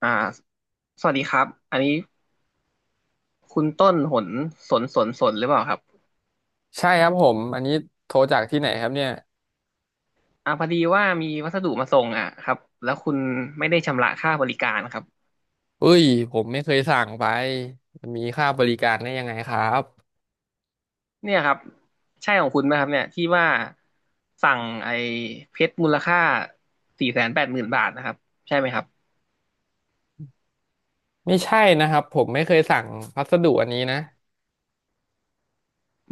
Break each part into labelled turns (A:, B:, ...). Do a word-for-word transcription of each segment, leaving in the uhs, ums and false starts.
A: อ่าสวัสดีครับอันนี้คุณต้นหนสนสนสนหรือเปล่าครับ
B: ใช่ครับผมอันนี้โทรจากที่ไหนครับเนี่ย
A: อ่าพอดีว่ามีวัสดุมาส่งอ่ะครับแล้วคุณไม่ได้ชำระค่าบริการครับ
B: เอ้ยผมไม่เคยสั่งไปมันมีค่าบริการได้ยังไงครับ
A: เนี่ยครับใช่ของคุณไหมครับเนี่ยที่ว่าสั่งไอ้เพชรมูลค่าสี่แสนแปดหมื่นบาทนะครับใช่ไหมครับ
B: ไม่ใช่นะครับผมไม่เคยสั่งพัสดุอันนี้นะ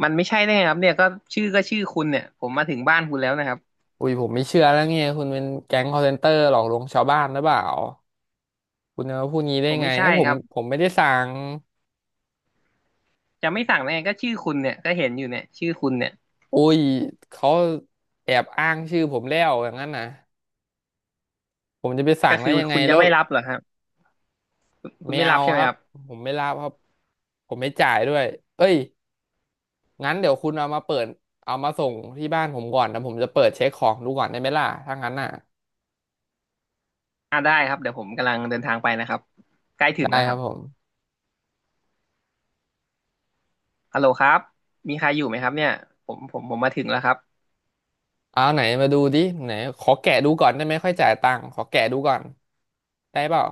A: มันไม่ใช่ได้ไงครับเนี่ยก็ชื่อก็ชื่อคุณเนี่ยผมมาถึงบ้านคุณแล้วนะครับ
B: อุ้ยผมไม่เชื่อแล้วเนี่ยคุณเป็นแก๊ง call center หลอกลวงชาวบ้านหรือเปล่าคุณจะมาพูดงี้ได้
A: ผม
B: ไง
A: ไม่ใช่
B: เอ้ยผ
A: ค
B: ม
A: รับ
B: ผมไม่ได้สั่ง
A: จะไม่สั่งได้ไงก็ชื่อคุณเนี่ยก็เห็นอยู่เนี่ยชื่อคุณเนี่ย
B: อุ้ยเขาแอบอ้างชื่อผมแล้วอย่างนั้นนะผมจะไปสั่
A: ก็
B: งได้
A: คือ
B: ยังไง
A: คุณจะ
B: แล้ว
A: ไม่รับเหรอครับคุณ
B: ไม่
A: ไม่
B: เอา
A: รับใช่ไห
B: ค
A: ม
B: รั
A: ค
B: บ
A: รับ
B: ผมไม่รับครับผมไม่จ่ายด้วยเอ้ย งั้นเดี๋ยวคุณเอามาเปิดเอามาส่งที่บ้านผมก่อนนะผมจะเปิดเช็คของดูก่อนได้ไหมล่ะถ้างั้นน่ะ
A: อ่าได้ครับเดี๋ยวผมกำลังเดินทางไปนะครับใกล้ถึ
B: ได้
A: งแล้ว
B: ค
A: ค
B: รั
A: รั
B: บ
A: บ
B: ผม
A: ฮัลโหลครับมีใครอยู่ไหมครับเนี่ยผมผมผมมาถึงแล้วครับ
B: เอาไหนมาดูดิไหนขอแกะดูก่อนได้ไหมค่อยจ่ายตังค์ขอแกะดูก่อนได้เปล่า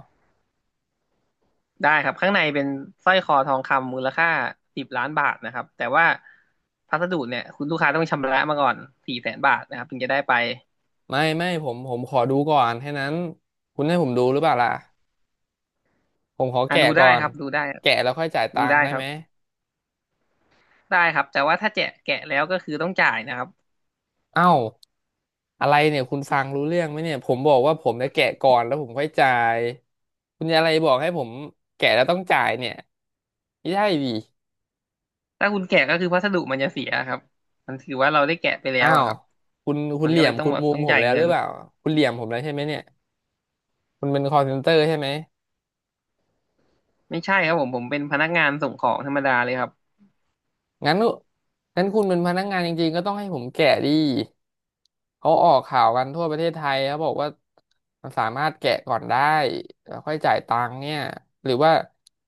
A: ได้ครับข้างในเป็นสร้อยคอทองคำมูลค่าสิบล้านบาทนะครับแต่ว่าพัสดุเนี่ยคุณลูกค้าต้องชำระมาก่อนสี่แสนบาทนะครับถึงจะได้ไป
B: ไม่ไม่ผมผมขอดูก่อนแค่นั้นคุณให้ผมดูหรือเปล่าล่ะผมขอ
A: อ่า
B: แกะ
A: ดูได้
B: ก่อ
A: ค
B: น
A: รับดูได้
B: แกะแล้วค่อยจ่าย
A: ดู
B: ตัง
A: ได้
B: ค์ได้
A: ครั
B: ไห
A: บ
B: ม
A: ได้ครับแต่ว่าถ้าแจะแกะแล้วก็คือต้องจ่ายนะครับ
B: เอ้าอะไรเนี่ยคุณฟังรู้เรื่องไหมเนี่ยผมบอกว่าผมจะแกะก่อนแล้วผมค่อยจ่ายคุณจะอะไรบอกให้ผมแกะแล้วต้องจ่ายเนี่ยไม่ใช่ดิ
A: ถ้าคุณแกะก็คือพัสดุมันจะเสียครับมันถือว่าเราได้แกะไปแล้
B: อ้า
A: วอะ
B: ว
A: ครับ
B: คุณคุ
A: มั
B: ณ
A: น
B: เห
A: ก็
B: ลี่ย
A: เล
B: ม
A: ยต้อง
B: คุณ
A: แบบ
B: มุ
A: ต้
B: ม
A: อง
B: ผม
A: จ่าย
B: แล้ว
A: เงิ
B: หรื
A: น
B: อเปล่าคุณเหลี่ยมผมแล้วใช่ไหมเนี่ยคุณเป็น call center ใช่ไหม
A: ไม่ใช่ครับผมผมเป็นพนักงานส่งของธรรมดาเลยครับ
B: งั้นงั้นคุณเป็นพนักงานจริงๆก็ต้องให้ผมแกะดิเขาออกข่าวกันทั่วประเทศไทยเขาบอกว่ามันสามารถแกะก่อนได้แล้วค่อยจ่ายตังค์เนี่ยหรือว่า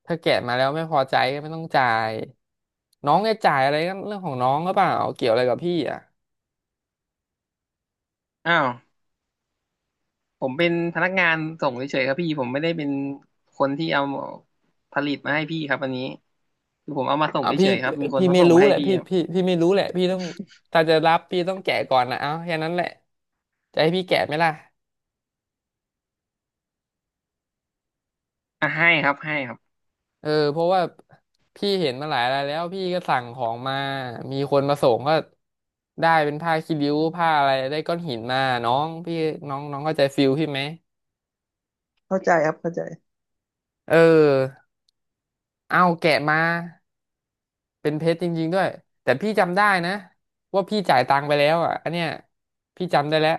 B: ถ้าแกะมาแล้วไม่พอใจก็ไม่ต้องจ่ายน้องจะจ่ายอะไรก็เรื่องของน้องหรือเปล่าเกี่ยวอะไรกับพี่อ่ะ
A: อ้าวผมเป็นพนักงานส่งเฉยๆครับพี่ผมไม่ได้เป็นคนที่เอาผลิตมาให้พี่ครับอันนี้คือผมเอามาส่ง
B: อ่ะพี่
A: เฉยๆครับมีคน
B: พี่
A: เขา
B: ไม่
A: ส่ง
B: รู้
A: มาให้
B: แหละ
A: พี่
B: พี่
A: ครับ
B: พี่พี่ไม่รู้แหละพี่ต้องถ้าจะรับพี่ต้องแกะก่อนนะเอาแค่นั้นแหละจะให้พี่แกะไหมล่ะ
A: อ่ะให้ครับให้ครับ
B: เออเพราะว่าพี่เห็นมาหลายรายแล้วพี่ก็สั่งของมามีคนมาส่งก็ได้เป็นผ้าคีริ้วผ้าอะไรได้ก้อนหินมาน้องพี่น้องน้องเข้าใจฟิลพี่ไหม
A: เข้าใจครับเข้าใจ
B: เออเอาแกะมาเป็นเพชรจริงๆด้วยแต่พี่จำได้นะว่าพี่จ่ายตังค์ไปแล้วอ่ะอันเนี้ยพี่จำได้แล้ว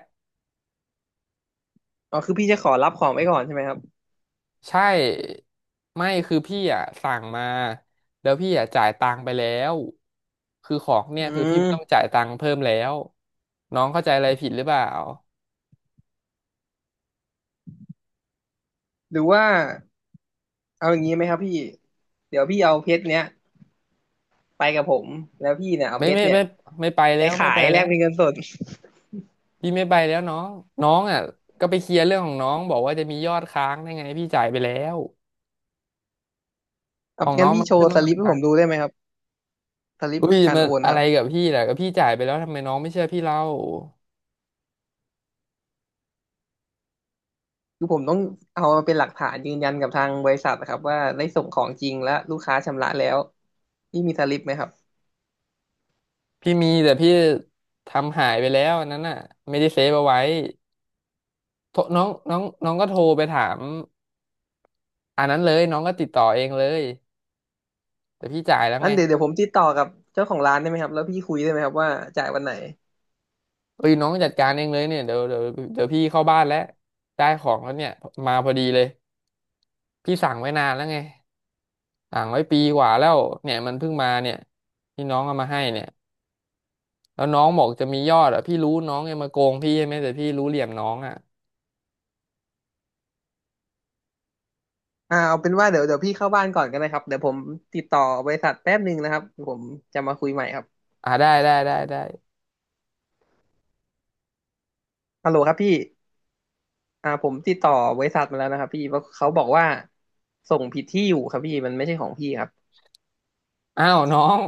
A: อ๋อคือพี่จะขอรับของไว้ก่อนใช่ไหมครับ
B: ใช่ไม่คือพี่อ่ะสั่งมาแล้วพี่อ่ะจ่ายตังค์ไปแล้วคือของเนี่
A: อื
B: ยคือพี่ไม่
A: ม
B: ต้องจ่ายตังค์เพิ่มแล้วน้องเข้าใจอะไรผิดหรือเปล่า
A: หรือว่าเอาอย่างนี้ไหมครับพี่เดี๋ยวพี่เอาเพชรเนี้ยไปกับผมแล้วพี่เนี่ยเอา
B: ไม่
A: เพช
B: ไม่
A: รเนี่ย
B: ไม่ไม่ไป
A: ไป
B: แล้วไม่
A: ขา
B: ไป
A: ยแล
B: แล้
A: ก
B: ว
A: เป็นเงินสด
B: พี่ไม่ไปแล้วน้องน้องอ่ะก็ไปเคลียร์เรื่องของน้องบอกว่าจะมียอดค้างได้ไงพี่จ่ายไปแล้ว
A: ค
B: ข
A: รับ
B: องน้
A: งั้น
B: อง
A: พี่
B: มัน
A: โช
B: ขึ้
A: ว์
B: น
A: ส
B: ว่ามัน
A: ลิปให้ผ
B: ค้าง
A: มดูได้ไหมครับสลิป
B: อุ้ย
A: การ
B: มัน
A: โอน
B: อะ
A: ค
B: ไร
A: รับ
B: กับพี่ล่ะก็พี่จ่ายไปแล้วทำไมน้องไม่เชื่อพี่เล่า
A: คือผมต้องเอามาเป็นหลักฐานยืนยันกับทางบริษัทนะครับว่าได้ส่งของจริงและลูกค้าชำระแล้วพี่มีสลิปไหมครับ
B: พี่มีแต่พี่ทำหายไปแล้วอันนั้นน่ะไม่ได้เซฟเอาไว้ โทรน้องน้องน้องก็โทรไปถามอันนั้นเลยน้องก็ติดต่อเองเลยแต่พี่จ่ายแล้ว
A: อั
B: ไง
A: นเดี๋ยวเดี๋ยวผมติดต่อกับเจ้าของร้านได้ไหมครับแล้วพี่คุยได้ไหมครับว่าจ่ายวันไหน
B: เอ้ยน้องจัดการเองเลยเนี่ยเดี๋ยวเดี๋ยวเดี๋ยวพี่เข้าบ้านแล้วได้ของแล้วเนี่ยมาพอดีเลยพี่สั่งไว้นานแล้วไงสั่งไว้ปีกว่าแล้วเนี่ยมันเพิ่งมาเนี่ยที่น้องเอามาให้เนี่ยแล้วน้องบอกจะมียอดอ่ะพี่รู้น้องยังมาโกงพี่ใช่ไหมแต่พี่รู้เหลี่ยมน้องอ่ะ
A: อ่าเอาเป็นว่าเดี๋ยวเดี๋ยวพี่เข้าบ้านก่อนก็ได้ครับเดี๋ยวผมติดต่อบริษัทแป๊บหนึ่งนะครับผมจะมาคุยใหม่ครับ
B: อ่าได้ได้ได้ได้
A: ฮัลโหลครับพี่อ่าผมติดต่อบริษัทมาแล้วนะครับพี่ว่าเขาบอกว่าส่งผิดที่อยู่ครับพี่มันไม่ใช่ของพี่ครับ
B: อ้าวน้อง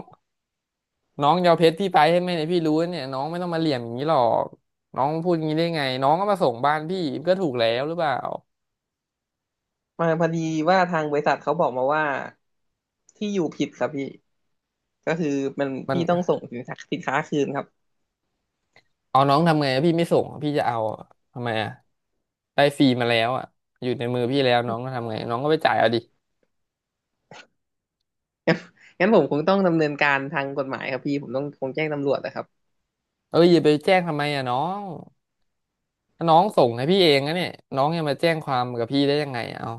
B: น้องยอาเพชรพี่ไปให้ไห่เนี่ยพี่รู้เนี่ยน้องไม่ต้องมาเหลี่ยมอย่างนี้หรอกน้องพูดอย่างนี้ได้ไงน้องก็มาส่งบ้านพี่ก็ถูกแล้วหรือเปล่า
A: มาพอดีว่าทางบริษัทเขาบอกมาว่าที่อยู่ผิดครับพี่ ก็คือมัน
B: มัน
A: พี่ต้องส่งสินค้าสินค้าคืนครับ
B: เอาน้องทำไงอะพี่ไม่ส่งอะพี่จะเอาอะทำไมอ่ะได้ฟรีมาแล้วอ่ะอยู่ในมือพี่แล้วน้องก็ทำไงน้องก็ไปจ่ายเอาดิ
A: งั้นผมคงต้องดำเนินการทางกฎหมายครับพี่ผมต้องคงแจ้งตำรวจนะครับ
B: เอ้ยอย่าไปแจ้งทำไมอ่ะน้องถ้าน้องส่งให้พี่เองนะเนี่ยน้องยังมาแจ้งความกับพี่ได้ยังไงอะเอา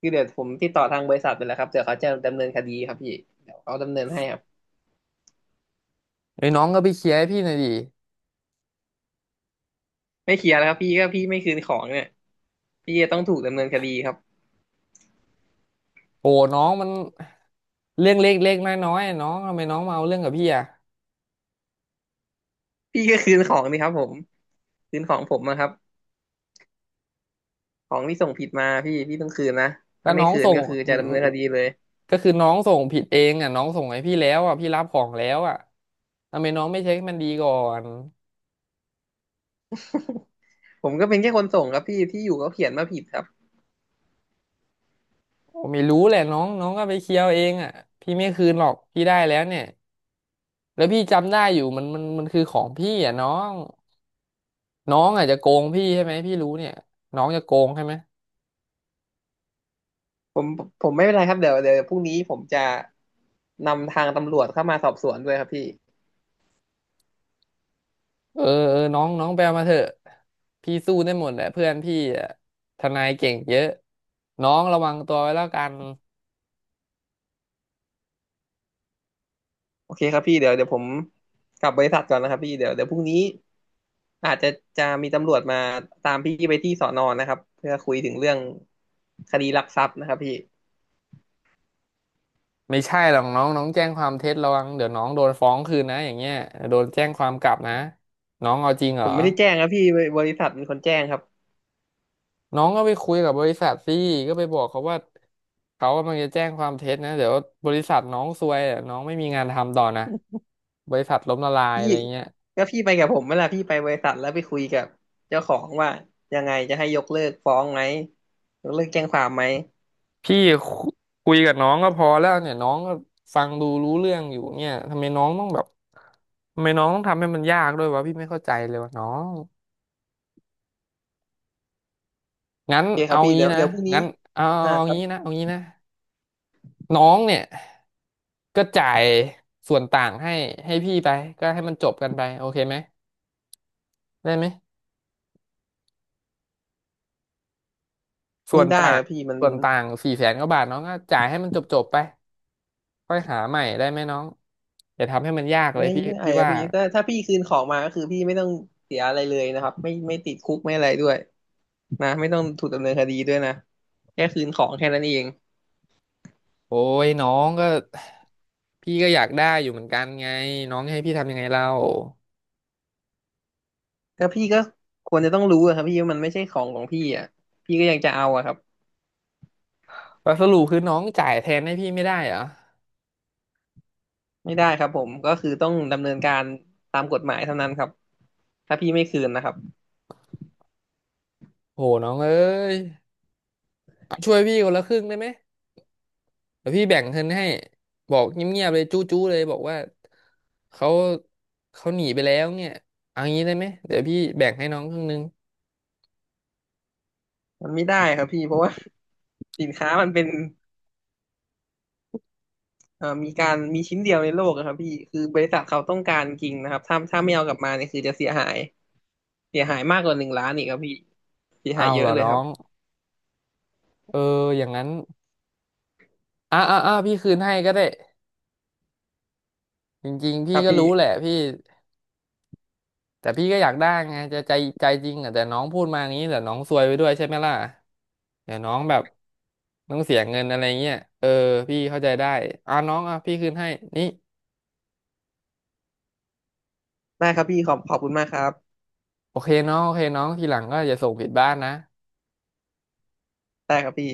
A: คือเดี๋ยวผมติดต่อทางบริษัทไปแล้วครับเดี๋ยวเขาจะดำเนินคดีครับพี่เดี๋ยวเขาดำเนินให้ครับ
B: เอ้ยน้องก็ไปเคลียร์ให้พี่หน่อยดิ
A: ไม่เคลียร์แล้วครับพี่ก็พี่ไม่คืนของเนี่ยพี่จะต้องถูกดำเนินคดีครับ
B: โอ้น้องมันเรื่องเล็กๆน้อยๆอะน้องทำไมน้องมาเอาเรื่องกับพี่อ่ะ
A: พี่ก็คืนของนี่ครับผมคืนของผมนะครับของที่ส่งผิดมาพี่พี่ต้องคืนนะ
B: แล้
A: ถ้า
B: ว
A: ไม่
B: น้อง
A: คืน
B: ส่ง
A: ก็คือจะดำเนินคดีเลย
B: ก็คือน้องส่งผิดเองอ่ะน้องส่งให้พี่แล้วอ่ะพี่รับของแล้วอ่ะทำไมน้องไม่เช็คให้มันดีก่อน
A: ผมก็เป็นแค่คนส่งครับพี่ที่อยู่ก็เขียนมาผิดครับ
B: ผมไม่รู้แหละน้องน้องก็ไปเคลียร์เอาเองอ่ะพี่ไม่คืนหรอกพี่ได้แล้วเนี่ยแล้วพี่จำได้อยู่มันมันมันคือของพี่อ่ะน้องน้องอาจจะโกงพี่ใช่ไหมพี่รู้เนี่ยน้องจะโกงใช่ไหม
A: ผมผมไม่เป็นไรครับเดี๋ยวเดี๋ยวพรุ่งนี้ผมจะนำทางตำรวจเข้ามาสอบสวนด้วยครับพี่
B: เออเออน้องน้องไปเอามาเถอะพี่สู้ได้หมดแหละเพื่อนพี่อ่ะทนายเก่งเยอะน้องระวังตัวไว้แล้วกัน
A: โอเคครับพี่เดี๋ยวเดี๋ยวผมกลับบริษัทก่อนนะครับพี่เดี๋ยวเดี๋ยวพรุ่งนี้อาจจะจะมีตำรวจมาตามพี่ไปที่สอนอนะครับเพื่อคุยถึงเรื่องคดีลักทรัพย์นะครับพี่
B: ไม่ใช่หรอกน้องน้องแจ้งความเท็จระวังเดี๋ยวน้องโดนฟ้องคืนนะอย่างเงี้ยโดนแจ้งความกลับนะน้องเอาจริงเหร
A: ผ
B: อ
A: มไม่ได้แจ้งครับพี่บริษัทเป็นคนแจ้งครับ
B: น้องก็ไปคุยกับบริษัทสิก็ไปบอกเขาว่าเขากำลังจะแจ้งความเท็จนะเดี๋ยวบริษัทน้องซวยอะน้องไม่มีงานทำต่อนะบริษัทล้มละลาย
A: พี่
B: อะไรเงี้ย
A: ก็พี่ไปกับผมเวลาพี่ไปบริษัทแล้วไปคุยกับเจ้าของว่ายังไงจะให้ยกเลิกฟ้องไหมยกเลิกแจ้งความไหม
B: พี่คุคุยกับน้องก็พอแล้วเนี่ยน้องก็ฟังดูรู้เรื่องอยู่เนี่ยทำไมน้องต้องแบบทำไมน้องต้องทำให้มันยากด้วยวะพี่ไม่เข้าใจเลยวะน้องงั้น
A: โอเคครั
B: เอา
A: บพี่
B: งี้
A: เดี๋ยว
B: นะ
A: เดี๋ยวพรุ่งนี้
B: งั้นเอา
A: อ่า
B: เอา
A: ครั
B: งี้
A: บ
B: นะเอางี้นะ น้องเนี่ยก็จ่ายส่วนต่างให้ให้พี่ไปก็ให้มันจบกันไปโอเคไหมได้ไหมส่
A: ไม่
B: วน
A: ได้
B: ต่า
A: ค
B: ง
A: รับพี่มัน
B: ส่วนต่างสี่แสนกว่าบาทน้องก็จ่ายให้มันจบจบไปค่อยหาใหม่ได้ไหมน้องอย่าทำให้มันยากเลย
A: ไม่
B: พี่
A: ได้
B: พี่
A: ครับ
B: ว่า
A: พี่ถ้าถ้าพี่คืนของมาก็คือพี่ไม่ต้องเสียอะไรเลยนะครับไม่ไม่ติดคุกไม่อะไรด้วยนะไม่ต้องถูกดำเนินคดีด้วยนะแค่คืนของแค่นั้นเอง
B: โอ้ยน้องก็พี่ก็อยากได้อยู่เหมือนกันไงน้องให้พี่ทำยังไงเรา
A: ก็พี่ก็ควรจะต้องรู้อะครับพี่ว่ามันไม่ใช่ของของพี่อ่ะพี่ก็ยังจะเอาอะครับ
B: แล้วสรุปคือน้องจ่ายแทนให้พี่ไม่ได้เหรอ
A: ไม่ได้ครับผมก็คือต้องดำเนินการตามกฎหมายเท่านั้นครับถ้าพี่ไม่คืนนะครับ
B: โหน้องเอ้ยช่วยพี่คนละครึ่งได้ไหม เดี๋ยวพี่แบ่งเงินให้บอกเงียบๆเลยจู้ๆเลยบอกว่าเขาเขาหนีไปแล้วเนี่ยเอางี้ได้ไหมเดี๋ยวพี่แบ่งให้น้องครึ่งนึง
A: มันไม่ได้ครับพี่เพราะว่า สินค้ามันเป็น เอ่อมีการมีชิ้นเดียวในโลกอะครับพี่ คือบริษัทเขาต้องการจริงนะครับถ้าถ้าไม่เอากลับมาเนี่ยคือจะเสียหาย เสียหายมากกว่าหนึ่งล้านอีกครับพี่เสียหา
B: เอา
A: ยเย
B: เหร
A: อะ
B: อ
A: เลย
B: น้อ
A: ครับ
B: งเอออย่างนั้นอ่ะอ่ะอ่ะพี่คืนให้ก็ได้จริงๆ
A: ค
B: พี่
A: รับ
B: ก็
A: พี่
B: รู้แหละพี่แต่พี่ก็อยากได้ไงจะใจใจจริงอ่ะแต่น้องพูดมาอย่างนี้แต่น้องซวยไปด้วยใช่ไหมล่ะเดี๋ยวน้องแบบต้องเสียเงินอะไรเงี้ยเออพี่เข้าใจได้อ่ะน้องอ่ะพี่คืนให้นี่
A: ได้ครับพี่ขอบขอบคุณมากครับ
B: โอเคน้องโอเคน้องทีหลังก็อย่าส่งผิดบ้านนะ
A: ได้ครับพี่